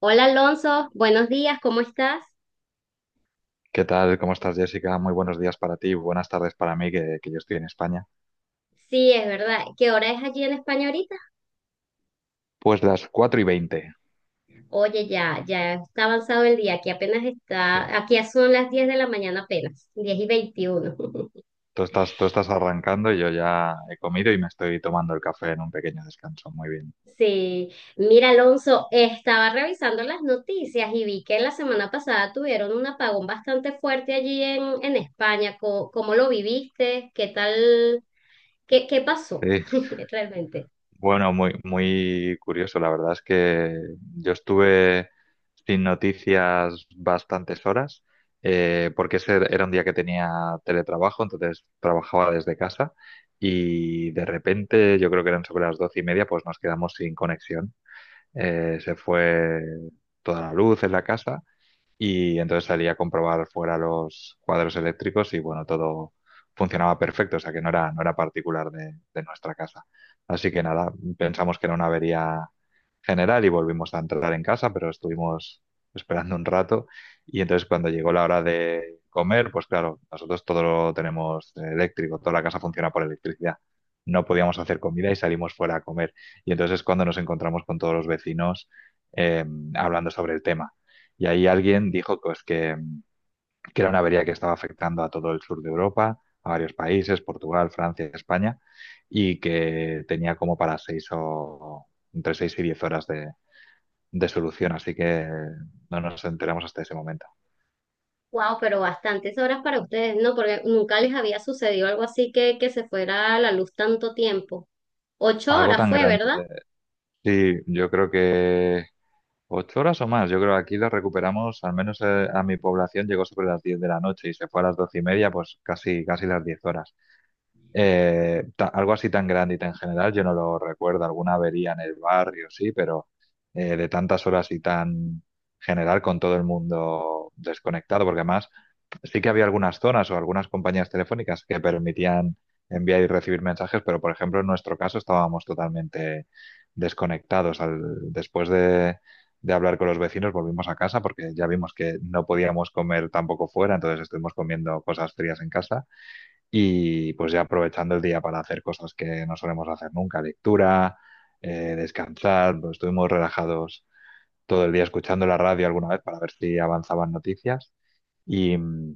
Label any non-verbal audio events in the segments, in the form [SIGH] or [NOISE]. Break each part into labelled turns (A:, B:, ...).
A: Hola Alonso, buenos días, ¿cómo estás?
B: ¿Qué tal? ¿Cómo estás, Jessica? Muy buenos días para ti, buenas tardes para mí, que yo estoy en España.
A: Sí, es verdad. ¿Qué hora es allí en España ahorita?
B: Pues las 4:20.
A: Oye, ya está avanzado el día, aquí apenas
B: Sí.
A: está, aquí son las 10 de la mañana apenas. 10:21. [LAUGHS]
B: Tú estás arrancando, yo ya he comido y me estoy tomando el café en un pequeño descanso. Muy bien.
A: Sí, mira Alonso, estaba revisando las noticias y vi que la semana pasada tuvieron un apagón bastante fuerte allí en España. ¿Cómo lo viviste? ¿Qué tal? ¿Qué pasó
B: Sí.
A: [LAUGHS] realmente?
B: Bueno, muy curioso. La verdad es que yo estuve sin noticias bastantes horas, porque ese era un día que tenía teletrabajo, entonces trabajaba desde casa y de repente, yo creo que eran sobre las 12:30, pues nos quedamos sin conexión. Se fue toda la luz en la casa y entonces salí a comprobar fuera los cuadros eléctricos y bueno, todo funcionaba perfecto, o sea que no era particular de nuestra casa. Así que nada, pensamos que era una avería general y volvimos a entrar en casa, pero estuvimos esperando un rato y entonces cuando llegó la hora de comer, pues claro, nosotros todo lo tenemos eléctrico, toda la casa funciona por electricidad. No podíamos hacer comida y salimos fuera a comer. Y entonces es cuando nos encontramos con todos los vecinos eh, hablando sobre el tema y ahí alguien dijo pues, que era una avería que estaba afectando a todo el sur de Europa, a varios países, Portugal, Francia, España, y que tenía como para 6 o entre 6 y 10 horas de solución, así que no nos enteramos hasta ese momento.
A: Wow, pero bastantes horas para ustedes, ¿no? Porque nunca les había sucedido algo así que se fuera a la luz tanto tiempo. Ocho
B: Algo
A: horas
B: tan
A: fue, ¿verdad?
B: grande. Sí, yo creo que 8 horas o más. Yo creo que aquí lo recuperamos, al menos a mi población llegó sobre las 10 de la noche y se fue a las 12:30, pues casi las 10 horas. Algo así tan grande y tan general, yo no lo recuerdo. Alguna avería en el barrio, sí, pero de tantas horas y tan general con todo el mundo desconectado, porque además sí que había algunas zonas o algunas compañías telefónicas que permitían enviar y recibir mensajes, pero por ejemplo en nuestro caso estábamos totalmente desconectados. Después de hablar con los vecinos volvimos a casa porque ya vimos que no podíamos comer tampoco fuera, entonces estuvimos comiendo cosas frías en casa y pues ya aprovechando el día para hacer cosas que no solemos hacer nunca, lectura, descansar, pues estuvimos relajados todo el día escuchando la radio alguna vez para ver si avanzaban noticias y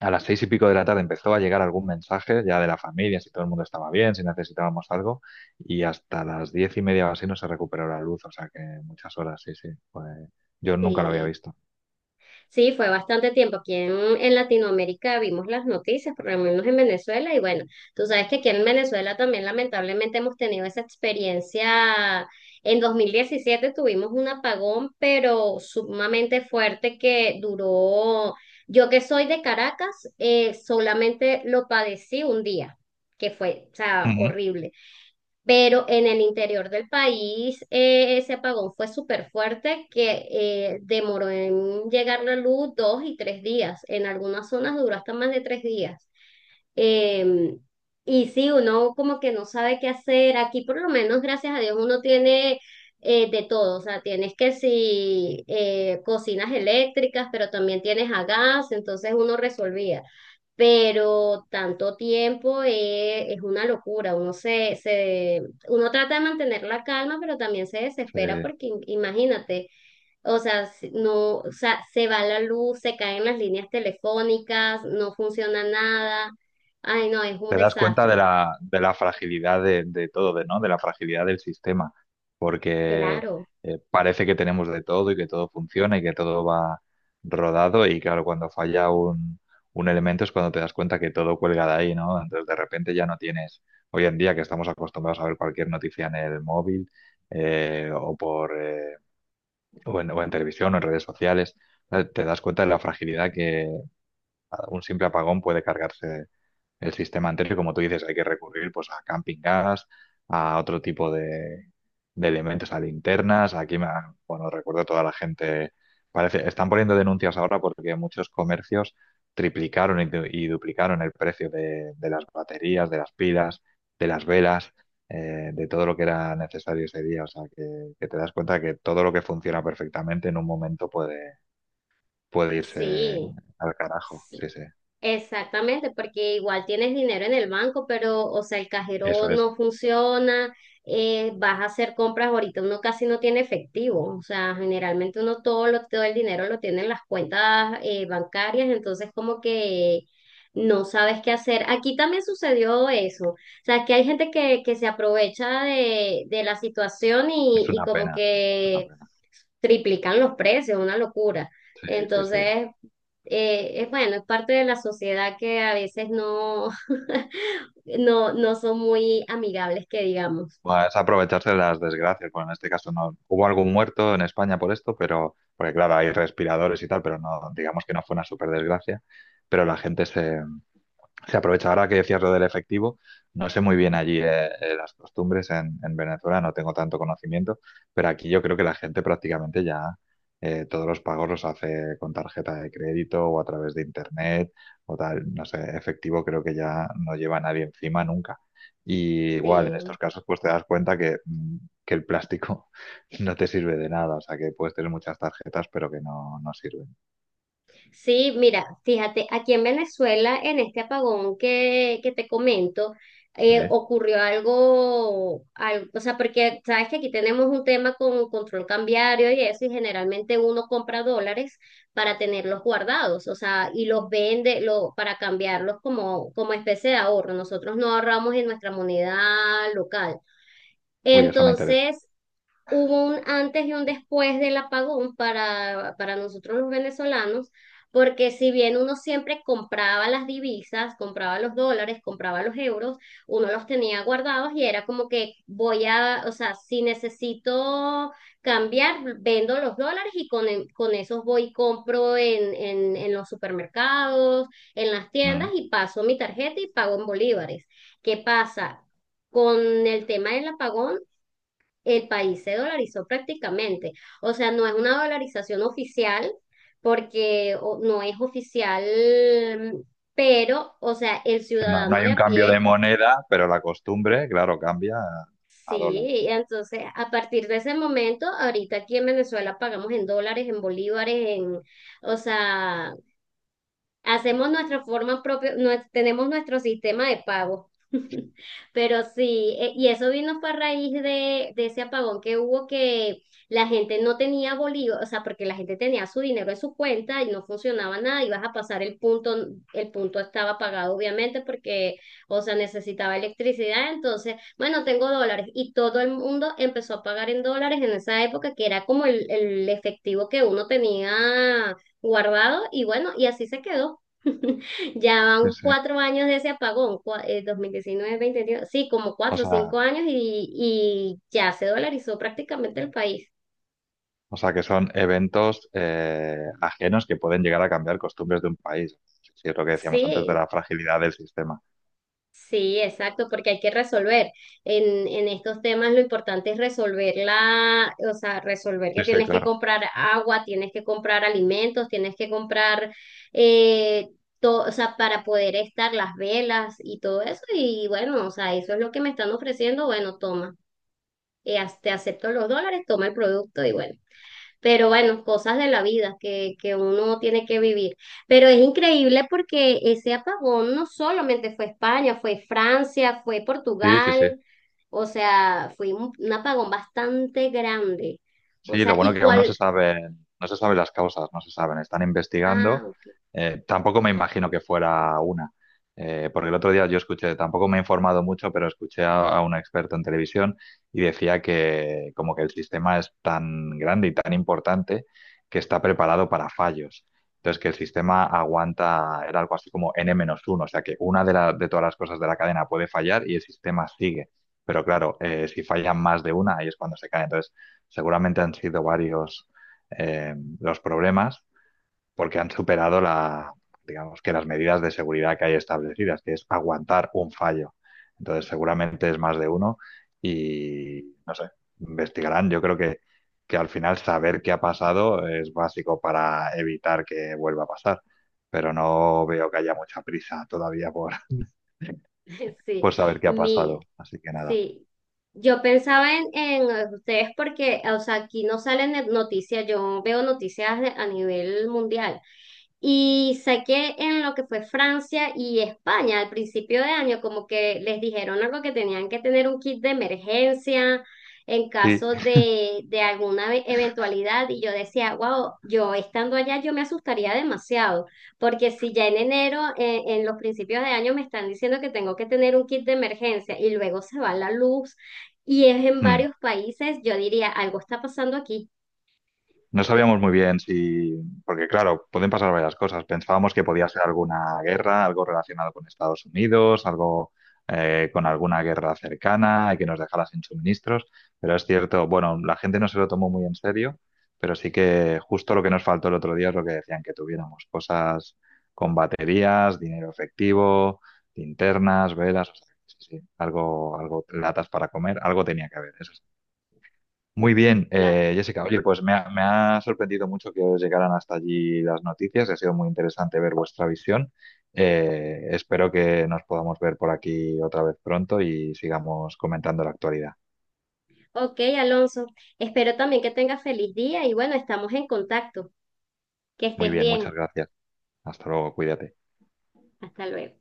B: a las 6 y pico de la tarde empezó a llegar algún mensaje ya de la familia, si todo el mundo estaba bien, si necesitábamos algo y hasta las 10:30 o así no se recuperó la luz, o sea que muchas horas, sí, sí. Yo nunca lo había
A: Sí.
B: visto.
A: Sí, fue bastante tiempo. Aquí en Latinoamérica vimos las noticias, por lo menos en Venezuela, y bueno, tú sabes que aquí en Venezuela también lamentablemente hemos tenido esa experiencia. En 2017 tuvimos un apagón, pero sumamente fuerte que duró, yo que soy de Caracas, solamente lo padecí un día, que fue, o sea,
B: Ujú.
A: horrible. Pero en el interior del país ese apagón fue súper fuerte que demoró en llegar la luz 2 y 3 días. En algunas zonas duró hasta más de 3 días. Eh, y sí, uno como que no sabe qué hacer. Aquí por lo menos, gracias a Dios, uno tiene de todo. O sea, tienes que si cocinas eléctricas, pero también tienes a gas, entonces uno resolvía, pero tanto tiempo es una locura. Uno uno trata de mantener la calma, pero también se
B: Sí,
A: desespera porque imagínate, o sea, no, o sea, se va la luz, se caen las líneas telefónicas, no funciona nada. Ay, no, es un
B: te das cuenta de
A: desastre.
B: de la fragilidad de todo, de, ¿no? De la fragilidad del sistema, porque
A: Claro,
B: parece que tenemos de todo y que todo funciona y que todo va rodado y claro, cuando falla un elemento es cuando te das cuenta que todo cuelga de ahí, ¿no? Entonces de repente ya no tienes, hoy en día que estamos acostumbrados a ver cualquier noticia en el móvil eh, o, por, eh, o en televisión o en redes sociales, te das cuenta de la fragilidad un simple apagón puede cargarse el sistema entero y como tú dices, hay que recurrir pues a camping gas, a otro tipo de elementos, a linternas. Bueno, recuerdo a toda la gente, parece, están poniendo denuncias ahora porque muchos comercios y duplicaron el precio de las baterías, de las pilas, de las velas. De todo lo que era necesario ese día, o sea que te das cuenta que todo lo que funciona perfectamente en un momento puede irse
A: sí.
B: al carajo,
A: Sí,
B: sí, sí.
A: exactamente, porque igual tienes dinero en el banco, pero, o sea, el
B: Eso
A: cajero no funciona, vas a hacer compras. Ahorita uno casi no tiene efectivo, o sea, generalmente uno todo el dinero lo tiene en las cuentas bancarias, entonces como que no sabes qué hacer. Aquí también sucedió eso, o sea, que hay gente que se aprovecha de la situación
B: es
A: y
B: una
A: como
B: pena, sí, es una
A: que
B: pena.
A: triplican los precios, una locura.
B: Sí, sí, sí.
A: Entonces, es bueno, es parte de la sociedad que a veces no, [LAUGHS] no, no son muy amigables, que digamos.
B: Bueno, es aprovecharse de las desgracias. Bueno, en este caso no hubo algún muerto en España por esto, pero porque claro, hay respiradores y tal, pero no, digamos que no fue una super desgracia. Pero la gente se, Se aprovecha ahora que decías lo del efectivo. No sé muy bien allí las costumbres en Venezuela, no tengo tanto conocimiento, pero aquí yo creo que la gente prácticamente ya todos los pagos los hace con tarjeta de crédito o a través de internet o tal. No sé, efectivo creo que ya no lleva nadie encima nunca. Y igual en
A: Sí.
B: estos casos pues te das cuenta que el plástico [LAUGHS] no te sirve de nada, o sea que puedes tener muchas tarjetas pero que no sirven.
A: Sí, mira, fíjate, aquí en Venezuela, en este apagón que te comento,
B: Sí.
A: ocurrió algo, o sea, porque sabes que aquí tenemos un tema con control cambiario y eso, y generalmente uno compra dólares para tenerlos guardados, o sea, y para cambiarlos como, como especie de ahorro. Nosotros no ahorramos en nuestra moneda local.
B: Uy, eso me interesa.
A: Entonces, hubo un antes y un después del apagón para nosotros los venezolanos, porque si bien uno siempre compraba las divisas, compraba los dólares, compraba los euros, uno los tenía guardados y era como que voy a, o sea, si necesito cambiar, vendo los dólares y con esos voy y compro en los supermercados, en las tiendas
B: Mm.
A: y paso mi tarjeta y pago en bolívares. ¿Qué pasa? Con el tema del apagón, el país se dolarizó prácticamente. O sea, no es una dolarización oficial porque no es oficial, pero, o sea, el
B: No, no
A: ciudadano
B: hay
A: de
B: un
A: a
B: cambio de
A: pie,
B: moneda, pero la costumbre, claro, cambia a dólar.
A: sí. Entonces, a partir de ese momento, ahorita aquí en Venezuela pagamos en dólares, en bolívares, en, o sea, hacemos nuestra forma propia. Tenemos nuestro sistema de pago. [LAUGHS] Pero sí, y eso vino fue a raíz de ese apagón que hubo, que la gente no tenía bolívar, o sea, porque la gente tenía su dinero en su cuenta y no funcionaba nada. Ibas a pasar el punto estaba apagado obviamente porque, o sea, necesitaba electricidad. Entonces, bueno, tengo dólares y todo el mundo empezó a pagar en dólares en esa época, que era como el efectivo que uno tenía guardado y bueno, y así se quedó. [LAUGHS] Ya
B: Sí,
A: van
B: sí.
A: 4 años de ese apagón, 2019, 2021, sí, como
B: O
A: cuatro o
B: sea,
A: cinco años y ya se dolarizó prácticamente el país.
B: o sea que son eventos ajenos que pueden llegar a cambiar costumbres de un país. Sí, sí, es lo que decíamos antes de
A: Sí,
B: la fragilidad del sistema.
A: sí, exacto, porque hay que resolver. En estos temas lo importante es resolver la, o sea, resolver que
B: Sí, sí,
A: tienes que
B: claro.
A: comprar agua, tienes que comprar alimentos, tienes que comprar, eh, o sea, para poder estar las velas y todo eso. Y bueno, o sea, eso es lo que me están ofreciendo, bueno, toma. Y te acepto los dólares, toma el producto y bueno. Pero bueno, cosas de la vida que uno tiene que vivir. Pero es increíble porque ese apagón no solamente fue España, fue Francia, fue
B: Sí, sí, sí.
A: Portugal, o sea, fue un apagón bastante grande. O
B: Sí, lo
A: sea,
B: bueno
A: ¿y
B: que aún no se
A: cuál?
B: saben, no se saben las causas, no se saben, están
A: Ah,
B: investigando.
A: ok,
B: Tampoco me imagino que fuera una, Porque el otro día yo escuché, tampoco me he informado mucho, pero escuché a un experto en televisión y decía que como que el sistema es tan grande y tan importante que está preparado para fallos. Entonces, que el sistema aguanta, era algo así como n uno, o sea que una de todas las cosas de la cadena puede fallar y el sistema sigue. Pero claro, si fallan más de una, ahí es cuando se cae. Entonces, seguramente han sido varios los problemas porque han superado digamos que las medidas de seguridad que hay establecidas, que es aguantar un fallo. Entonces, seguramente es más de uno y no sé, investigarán. Yo creo que al final saber qué ha pasado es básico para evitar que vuelva a pasar, pero no veo que haya mucha prisa todavía por, [LAUGHS]
A: [LAUGHS] sí,
B: por saber qué ha
A: mi,
B: pasado. Así que nada.
A: sí. Yo pensaba en ustedes porque, o sea, aquí no salen noticias, yo veo noticias a nivel mundial. Y saqué en lo que fue Francia y España al principio de año, como que les dijeron algo, que tenían que tener un kit de emergencia en
B: Sí,
A: caso de alguna eventualidad. Y yo decía, wow, yo estando allá, yo me asustaría demasiado, porque si ya en enero, en los principios de año, me están diciendo que tengo que tener un kit de emergencia y luego se va la luz y es en
B: hmm.
A: varios países, yo diría, algo está pasando aquí.
B: No sabíamos muy bien si, porque claro, pueden pasar varias cosas. Pensábamos que podía ser alguna guerra, algo relacionado con Estados Unidos, algo con alguna guerra cercana y que nos dejara sin suministros, pero es cierto, bueno, la gente no se lo tomó muy en serio, pero sí que justo lo que nos faltó el otro día es lo que decían que tuviéramos, cosas con baterías, dinero efectivo, linternas, velas, o sea, sí, sí, algo, algo, latas para comer, algo tenía que haber, eso muy bien, Jessica. Oye, pues me ha sorprendido mucho que os llegaran hasta allí las noticias. Ha sido muy interesante ver vuestra visión. Espero que nos podamos ver por aquí otra vez pronto y sigamos comentando la actualidad.
A: Ok, Alonso, espero también que tengas feliz día y bueno, estamos en contacto. Que
B: Muy
A: estés
B: bien,
A: bien.
B: muchas gracias. Hasta luego, cuídate.
A: Hasta luego.